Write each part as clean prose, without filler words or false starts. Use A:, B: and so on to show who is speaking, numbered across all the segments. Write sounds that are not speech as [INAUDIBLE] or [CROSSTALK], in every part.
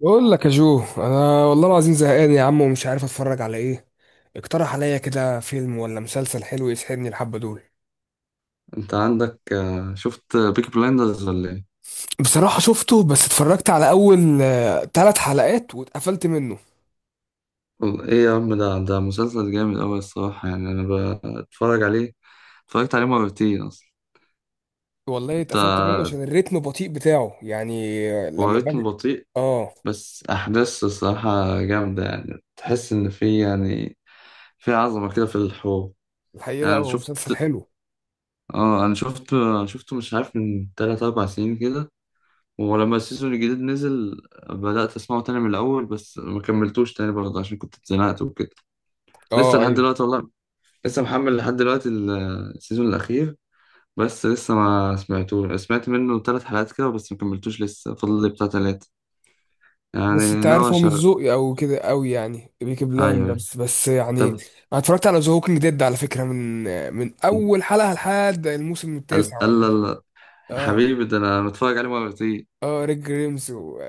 A: بقول لك يا جو، انا والله العظيم زهقان يا عم ومش عارف اتفرج على ايه. اقترح عليا كده فيلم ولا مسلسل حلو يسحبني الحبة دول.
B: انت عندك، شفت بيكي بلايندرز ولا ايه؟
A: بصراحة شفته، بس اتفرجت على اول ثلاث حلقات واتقفلت منه.
B: ايه يا عم، ده مسلسل جامد اوي الصراحة. يعني انا بتفرج عليه. اتفرجت عليه مرتين اصلا.
A: والله
B: انت.
A: اتقفلت منه عشان الريتم البطيء بتاعه، يعني
B: هو
A: لما باجي.
B: رتمه بطيء.
A: اه.
B: بس احداث الصراحة جامدة. يعني تحس ان في، يعني في عظمة كده في الحوار.
A: الحقيقة
B: يعني
A: لا،
B: أنا
A: هو
B: شفت
A: مسلسل حلو.
B: اه انا شفت آه، شفته مش عارف من 3 4 سنين كده. ولما السيزون الجديد نزل، بدأت اسمعه تاني من الاول. بس ما كملتوش تاني برضه عشان كنت اتزنقت وكده. لسه
A: اه،
B: لحد
A: ايوه.
B: دلوقتي والله. لسه محمل لحد دلوقتي السيزون الأخير. بس لسه ما سمعتوش، سمعت منه 3 حلقات كده، بس ما كملتوش. لسه فاضل لي بتاع 3.
A: بس انت
B: يعني ناوي
A: عارف هو مش
B: أشغل.
A: ذوقي او كده قوي، يعني بيكي
B: أيوه.
A: بلايندرز، بس يعني
B: طب.
A: انا اتفرجت على ذا هوكينج ديد على فكرة من من اول حلقة لحد الموسم
B: ال-
A: التاسع
B: ال-
A: ولا.
B: ال-
A: اه.
B: حبيبي ده، أنا متفرج عليه مرتين.
A: اه، ريك جريمز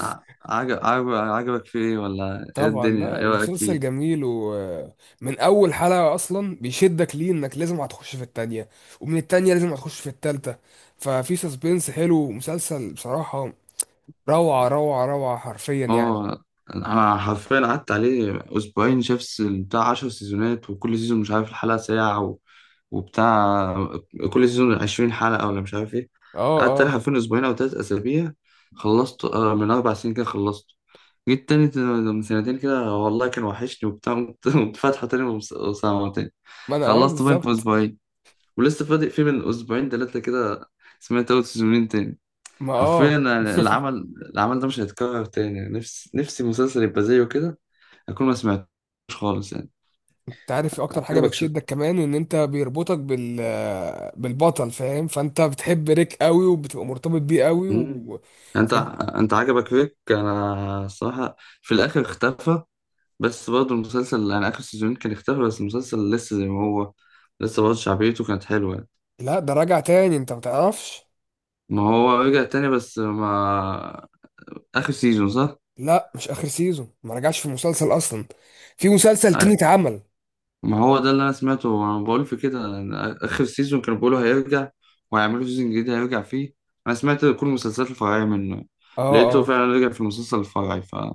B: ع- عجب عجب عجبك فيه إيه؟ ولا إيه
A: طبعا
B: الدنيا؟
A: لا،
B: إيه رأيك
A: مسلسل
B: فيه؟
A: جميل، ومن اول حلقة اصلا بيشدك، ليه انك لازم هتخش في التانية، ومن التانية لازم هتخش في التالتة. ففي سسبنس حلو مسلسل بصراحة. روعة روعة روعة، حرفيا يعني.
B: اه، انا حرفيا قعدت عليه اسبوعين. بتاع 10 سيزونات، وكل سيزون مش عارف، الحلقة ساعة و وبتاع. كل سيزون 20 حلقة ولا مش عارف ايه.
A: اه،
B: قعدت عليه
A: اه.
B: حرفيا اسبوعين او 3 اسابيع. خلصت من 4 سنين كده. خلصت. جيت تاني من سنتين كده والله، كان وحشني وبتاع. قمت [LAUGHS] قمت فاتحة تاني وسامعه تاني.
A: ما انا اه،
B: خلصت باين في
A: بالظبط.
B: اسبوعين. ولسه فاضي فيه من اسبوعين تلاتة كده. سمعت اول سيزونين تاني.
A: ما اه.
B: حرفيا أنا، العمل ده مش هيتكرر تاني. نفسي، نفسي مسلسل يبقى زيه كده. اكون ما سمعتوش خالص يعني.
A: انت عارف اكتر حاجة
B: عجبك
A: بتشدك كمان ان انت بيربطك بالبطل، فاهم؟ فانت بتحب ريك قوي وبتبقى مرتبط بيه قوي
B: مم. انت
A: ف...
B: انت عجبك فيك انا الصراحه. في الاخر اختفى. بس برضه المسلسل، انا اخر سيزون كان اختفى، بس المسلسل لسه زي ما هو. لسه برضه شعبيته كانت حلوه يعني.
A: لا، ده راجع تاني، انت متعرفش؟
B: ما هو رجع تاني بس ما. اخر سيزون صح.
A: لا مش اخر سيزون، ما رجعش في مسلسل اصلا، في مسلسل تاني اتعمل.
B: ما هو ده اللي انا سمعته. انا بقول في كده، أنا اخر سيزون كانوا بيقولوا هيرجع. وهيعملوا سيزون جديد هيرجع فيه. انا سمعت كل المسلسلات الفرعيه منه.
A: اه،
B: لقيته
A: اه،
B: فعلا رجع في المسلسل الفرعي، فما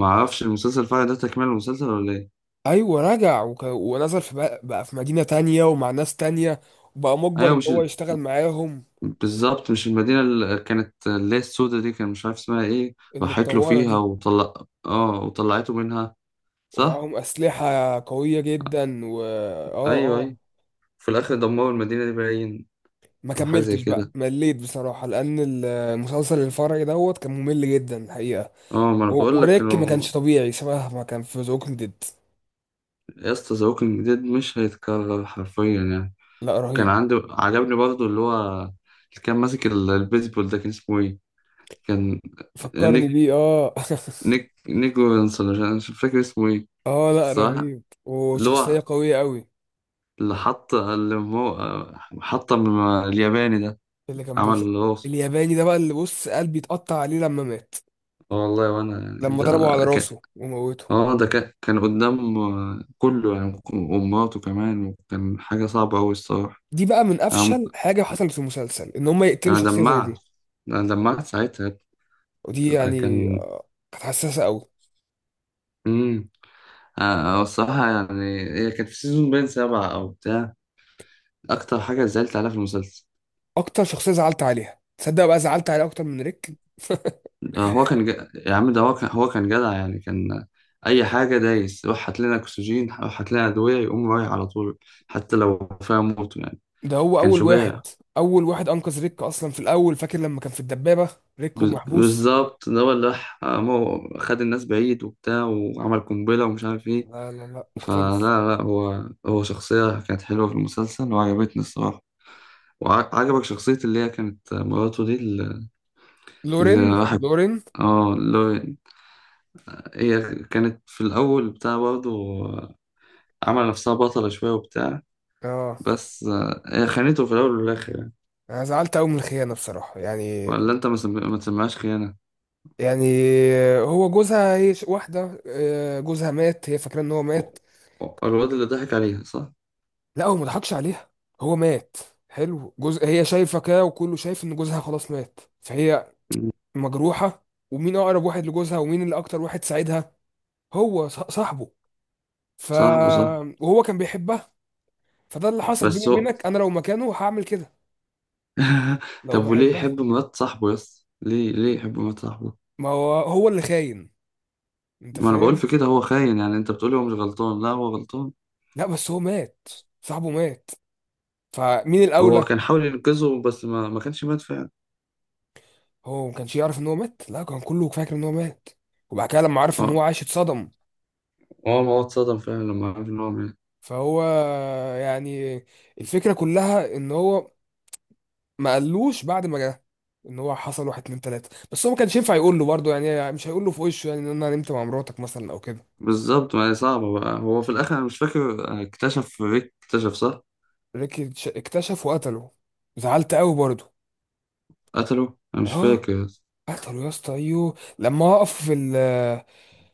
B: اعرفش المسلسل الفرعي ده تكمل المسلسل ولا ايه.
A: ايوه رجع ونزل بقى في مدينة تانية ومع ناس تانية، وبقى مجبر
B: ايوه،
A: ان
B: مش
A: هو
B: ال-
A: يشتغل معاهم.
B: بالظبط، مش المدينه اللي كانت، اللي هي السودة دي، كان مش عارف اسمها ايه. راحت له
A: المتطورة
B: فيها
A: دي.
B: وطلع. اه، وطلعته منها صح.
A: ومعاهم اسلحة قوية جدا و اه،
B: ايوه،
A: اه.
B: ايوه. في الاخر دمروا المدينه دي باين،
A: ما
B: او حاجه زي
A: كملتش بقى،
B: كده.
A: مليت بصراحة لان المسلسل الفرعي دوت كان ممل جدا الحقيقة.
B: اه، ما انا بقول لك
A: وريك ما
B: كانوا.
A: كانش طبيعي شبه ما كان في زوكن ديد.
B: يا اسطى، ذا ووكينج ديد مش هيتكرر حرفيا يعني.
A: لا،
B: كان
A: رهيب.
B: عندي، عجبني برضه اللي هو اللي كان ماسك البيسبول ده، كان اسمه ايه؟ كان
A: فكرني بيه
B: نيك
A: اه [LAUGHS]
B: نيك ويلسون. أنا مش فاكر اسمه ايه.
A: اه، لا،
B: الصراحة
A: رهيب
B: اللي هو
A: وشخصية قوية قوي.
B: اللي هو حط من الياباني ده،
A: اللي كان
B: عمل
A: بيس...
B: الراس.
A: الياباني ده بقى، اللي بص قلبي اتقطع عليه لما مات،
B: اه والله، وانا يعني
A: لما ضربوا على
B: كان
A: راسه وموته.
B: ده كان قدام كله يعني، ومراته كمان، وكان حاجة صعبة أوي الصراحة.
A: دي بقى من
B: أنا
A: افشل حاجة حصلت في المسلسل، ان هم يقتلوا
B: أنا
A: شخصية زي
B: دمعت.
A: دي.
B: أنا دمعت ساعتها.
A: ودي يعني
B: كان.
A: كانت حساسة قوي.
B: امم هو الصراحة، يعني هي كانت في سيزون باين 7 أو بتاع. أكتر حاجة زعلت عليها في المسلسل.
A: اكتر شخصية زعلت عليها، تصدق بقى زعلت عليها اكتر من ريك. [LAUGHS]
B: هو كان يا عم ده، هو كان جدع يعني. كان. أي حاجة دايس، روح هات لنا أكسجين، روح هات لنا أدوية، يقوم رايح على طول، حتى لو فيها موت يعني.
A: ده هو
B: كان
A: اول
B: شجاع.
A: واحد. اول واحد انقذ ريك اصلا في الاول، فاكر لما كان في الدبابة، ريك ومحبوس.
B: بالظبط، ده هو اللي راح، خد الناس بعيد وبتاع، وعمل قنبلة ومش عارف إيه.
A: لا لا لا،
B: فلا،
A: مختلف.
B: لا، هو شخصية كانت حلوة في المسلسل وعجبتني الصراحة. وعجبك شخصية اللي هي كانت مراته دي؟
A: لورين،
B: الواحد.
A: لورين.
B: اه. هي كانت في الأول بتاع برضه عمل نفسها بطلة شوية وبتاع.
A: اه،
B: بس هي خانته في الأول والآخر يعني.
A: انا زعلت قوي من الخيانه بصراحه يعني.
B: ولا أنت ما تسميهاش خيانة.
A: يعني هو جوزها، هي واحده جوزها مات، هي فاكره ان هو
B: و-
A: مات.
B: الواد اللي ضحك عليها صح؟
A: لا، هو ما ضحكش عليها، هو مات. حلو، جوز هي شايفه كده وكله شايف ان جوزها خلاص مات، فهي
B: مم.
A: مجروحه. ومين اقرب واحد لجوزها ومين اللي اكتر واحد ساعدها؟ هو صاحبه. ف
B: صاحبه صح.
A: وهو كان بيحبها. فده اللي حصل بيني
B: بس هو
A: وبينك، انا لو مكانه هعمل كده
B: [LAUGHS]
A: لو
B: طب، وليه
A: بحبها.
B: يحب مرات صاحبه يس؟ ليه يحب مرات صاحبه؟
A: ما هو، هو اللي خاين، انت
B: ما أنا بقول
A: فاهم.
B: في كده، هو خاين يعني. أنت بتقولي هو مش غلطان؟ لا، هو غلطان.
A: لا بس هو مات، صاحبه مات، فمين
B: هو
A: الاولى؟
B: كان حاول ينقذه بس ما كانش مات فعلا.
A: هو ما كانش يعرف ان هو مات، لا، كان كله فاكر ان هو مات، وبعد كده لما عرف ان
B: اه،
A: هو عايش اتصدم.
B: هو ما هو اتصدم فعلا لما عرف إن هو مات.
A: فهو يعني الفكره كلها ان هو ما قالوش بعد ما جه ان هو حصل واحد اتنين تلاته، بس هو ما كانش ينفع يقول له برضه، يعني مش هيقول له في وشه يعني ان انا نمت مع مراتك مثلا او كده.
B: بالظبط، ما هي صعبة بقى. هو في الآخر، أنا مش فاكر، اكتشف ريك. اكتشف صح.
A: ريكي اكتشف وقتله، زعلت قوي برضه.
B: قتله؟ أنا مش
A: اه،
B: فاكر.
A: قتله يا اسطى، ايوه، لما وقف في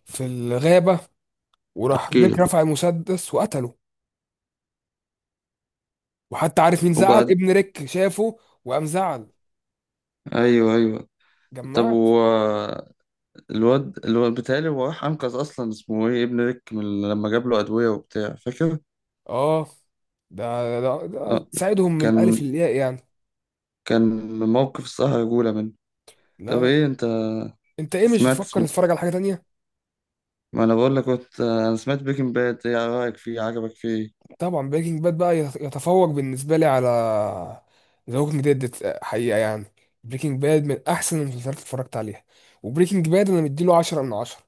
A: في الغابه وراح
B: احكي
A: ريك
B: لك.
A: رفع المسدس وقتله. وحتى عارف مين زعل؟
B: وبعد.
A: ابن ريك شافه وقام زعل.
B: أيوه، أيوه. طب
A: جمعت.
B: هو، الواد بيتهيألي هو راح أنقذ أصلا، اسمه إيه، ابن ريك، من لما جاب له أدوية وبتاع، فاكر؟
A: اه، ده
B: آه.
A: تساعدهم من الف
B: كان
A: للياء يعني.
B: كان موقف الصراحة رجولة منه.
A: لا،
B: طب،
A: لا.
B: إيه، أنت
A: انت ايه، مش
B: سمعت
A: بتفكر
B: اسمه؟
A: تتفرج على حاجه تانية؟
B: ما أنا بقول لك، كنت أنا سمعت بريكنج باد. إيه رأيك فيه؟ عجبك فيه؟
A: طبعا بريكنج باد بقى يتفوق بالنسبه لي على ذا ووكينج ديد، حقيقه يعني. بريكنج باد من احسن المسلسلات اللي اتفرجت عليها، وبريكنج باد انا مديله 10 من 10.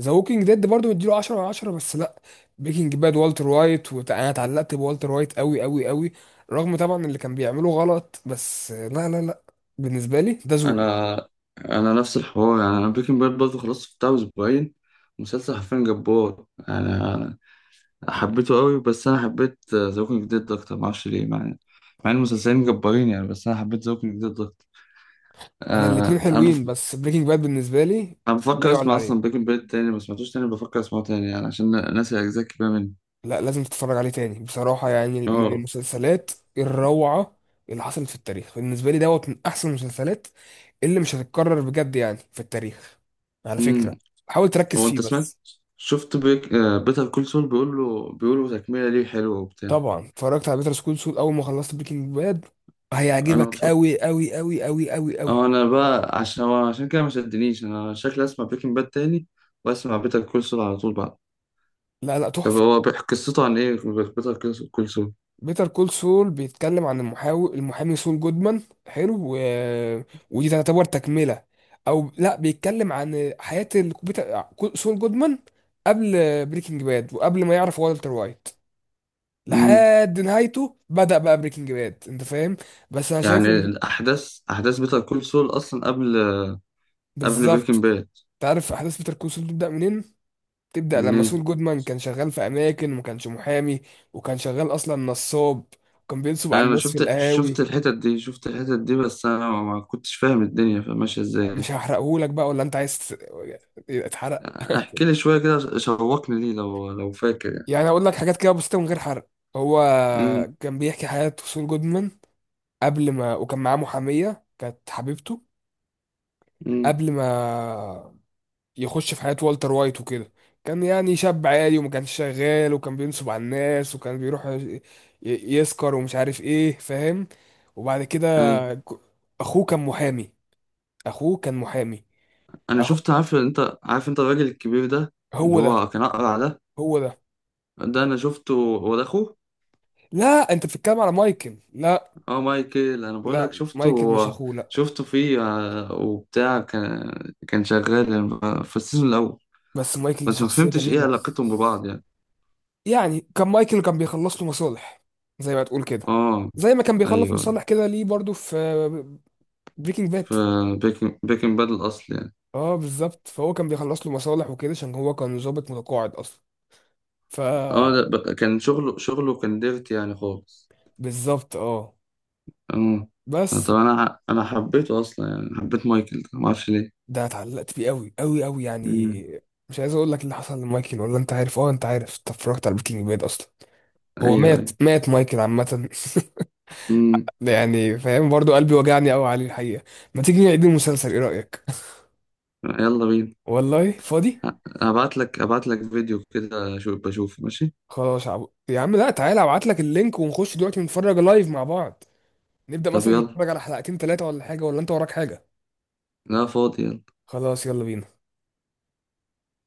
A: ذا ووكينج ديد برضه مديله 10 من 10، بس لا، بريكنج باد والتر وايت انا اتعلقت بوالتر وايت قوي قوي قوي، رغم طبعا اللي كان بيعمله غلط، بس لا لا لا، بالنسبه لي ده ذوقي.
B: انا انا نفس الحوار يعني. انا بريكنج باد برضه خلصت بتاع اسبوعين. مسلسل حرفيا جبار. انا حبيته قوي، بس انا حبيت ذا ووكينج ديد اكتر، ما اعرفش ليه. مع ان المسلسلين جبارين يعني، بس انا حبيت ذا ووكينج ديد اكتر.
A: انا الاتنين
B: آه انا بف...
A: حلوين، بس بريكنج باد بالنسبه لي
B: انا
A: لا
B: بفكر
A: يعلى
B: اسمع اصلا
A: عليه.
B: بريكنج باد تاني. ما سمعتوش تاني، بفكر اسمعه تاني يعني عشان ناسي اجزاء كبيره منه.
A: لا، لازم تتفرج عليه تاني بصراحه، يعني من
B: اه.
A: المسلسلات الروعه اللي حصلت في التاريخ. بالنسبه لي دوت من احسن المسلسلات اللي مش هتتكرر بجد يعني في التاريخ. على
B: امم
A: فكره، حاول تركز
B: هو
A: فيه
B: انت سمعت،
A: بس.
B: شفت بريك... آه بيتر كول سول، بيقولوا تكمله ليه حلوه وبتاع؟
A: طبعا اتفرجت على بيتر سكول سول اول ما خلصت بريكنج باد،
B: انا
A: هيعجبك
B: متفرج.
A: قوي قوي قوي قوي قوي قوي.
B: اه. انا بقى عشان كده ما شدنيش، انا شكلي اسمع بريكنج باد تاني. واسمع بيتر كول سول على طول بعد.
A: لا لا،
B: طب،
A: تحفه.
B: هو قصته عن ايه؟ بيتر كول سول.
A: بيتر كول سول بيتكلم عن المحامي سول جودمان، حلو ودي تعتبر تكملة، او لا، بيتكلم عن حياة سول جودمان قبل بريكنج باد، وقبل ما يعرف والتر وايت،
B: امم
A: لحد نهايته بدأ بقى بريكنج باد، انت فاهم. بس انا شايف
B: يعني
A: ان
B: الاحداث، احداث بيتر كول سول اصلا قبل
A: بالظبط،
B: بريكنج باد.
A: تعرف احداث بيتر كول سول تبدأ منين؟ تبدأ
B: من
A: لما
B: ايه.
A: سول جودمان كان شغال في اماكن وما كانش محامي، وكان شغال اصلا نصاب، وكان بينصب على
B: انا
A: الناس في القهاوي.
B: شفت الحتت دي، شفت الحتت دي، بس انا ما كنتش فاهم الدنيا ماشيه
A: مش
B: ازاي.
A: هحرقهولك بقى، ولا انت عايز اتحرق؟
B: احكي لي شويه كده، شوقني ليه، لو فاكر يعني.
A: يعني هقول لك حاجات كده بسيطه من غير حرق. هو
B: امم.
A: كان بيحكي حياه سول جودمان قبل ما، وكان معاه محاميه كانت حبيبته،
B: امم.
A: قبل ما يخش في حياه والتر وايت وكده. كان يعني شاب عادي، وما كانش شغال، وكان بينصب على الناس، وكان بيروح يسكر ومش عارف ايه، فاهم. وبعد كده
B: ايوه.
A: ك- اخوه كان محامي. اخوه كان محامي
B: انا
A: أخو...
B: شفت، عارف، انت عارف انت الراجل الكبير ده، اللي
A: هو ده.
B: هو كان اقرع ده.
A: هو ده.
B: ده انا شفته، هو ده اخوه.
A: لا، انت بتتكلم على مايكل، لا.
B: اه، مايكل. انا بقول لك
A: لا، مايكل مش
B: شفته،
A: اخوه، لا.
B: شفته فيه وبتاع. كان شغال في السيزون الاول.
A: بس مايكل دي
B: بس ما
A: شخصية
B: فهمتش ايه
A: جميلة.
B: علاقتهم ببعض يعني.
A: يعني كان مايكل، كان بيخلص له مصالح، زي ما تقول كده،
B: اه،
A: زي ما كان بيخلص
B: ايوه،
A: مصالح كده ليه برضو في بريكنج باد.
B: في بيكن باد الاصل يعني.
A: اه بالظبط، فهو كان بيخلص له مصالح وكده عشان هو كان ضابط متقاعد اصلا. ف
B: اه، ده كان شغله كان ديرتي يعني خالص.
A: بالظبط اه.
B: اه.
A: بس
B: طب انا حبيته اصلا يعني، حبيت مايكل ده ما اعرفش ليه.
A: ده اتعلقت بيه قوي قوي قوي
B: امم.
A: يعني. مش عايز اقول لك اللي حصل لمايكل، ولا انت عارف؟ اه انت عارف، انت اتفرجت على بريكنج باد اصلا. هو
B: ايوه،
A: مات،
B: ايوه.
A: مات مايكل عامة.
B: امم.
A: ده يعني فاهم برضو، قلبي وجعني قوي عليه الحقيقة. ما تيجي نعيد المسلسل، ايه رأيك؟
B: يلا بينا.
A: [LAUGHS] والله فاضي.
B: هبعت لك فيديو كده شو بشوفه ماشي.
A: خلاص يا عبد يا عم، لا، تعالى ابعت لك اللينك ونخش دلوقتي نتفرج لايف مع بعض. نبدأ
B: طب،
A: مثلا
B: يلا.
A: نتفرج على حلقتين ثلاثة، ولا حاجة، ولا انت وراك حاجة؟
B: لا، فاضي.
A: خلاص، يلا بينا.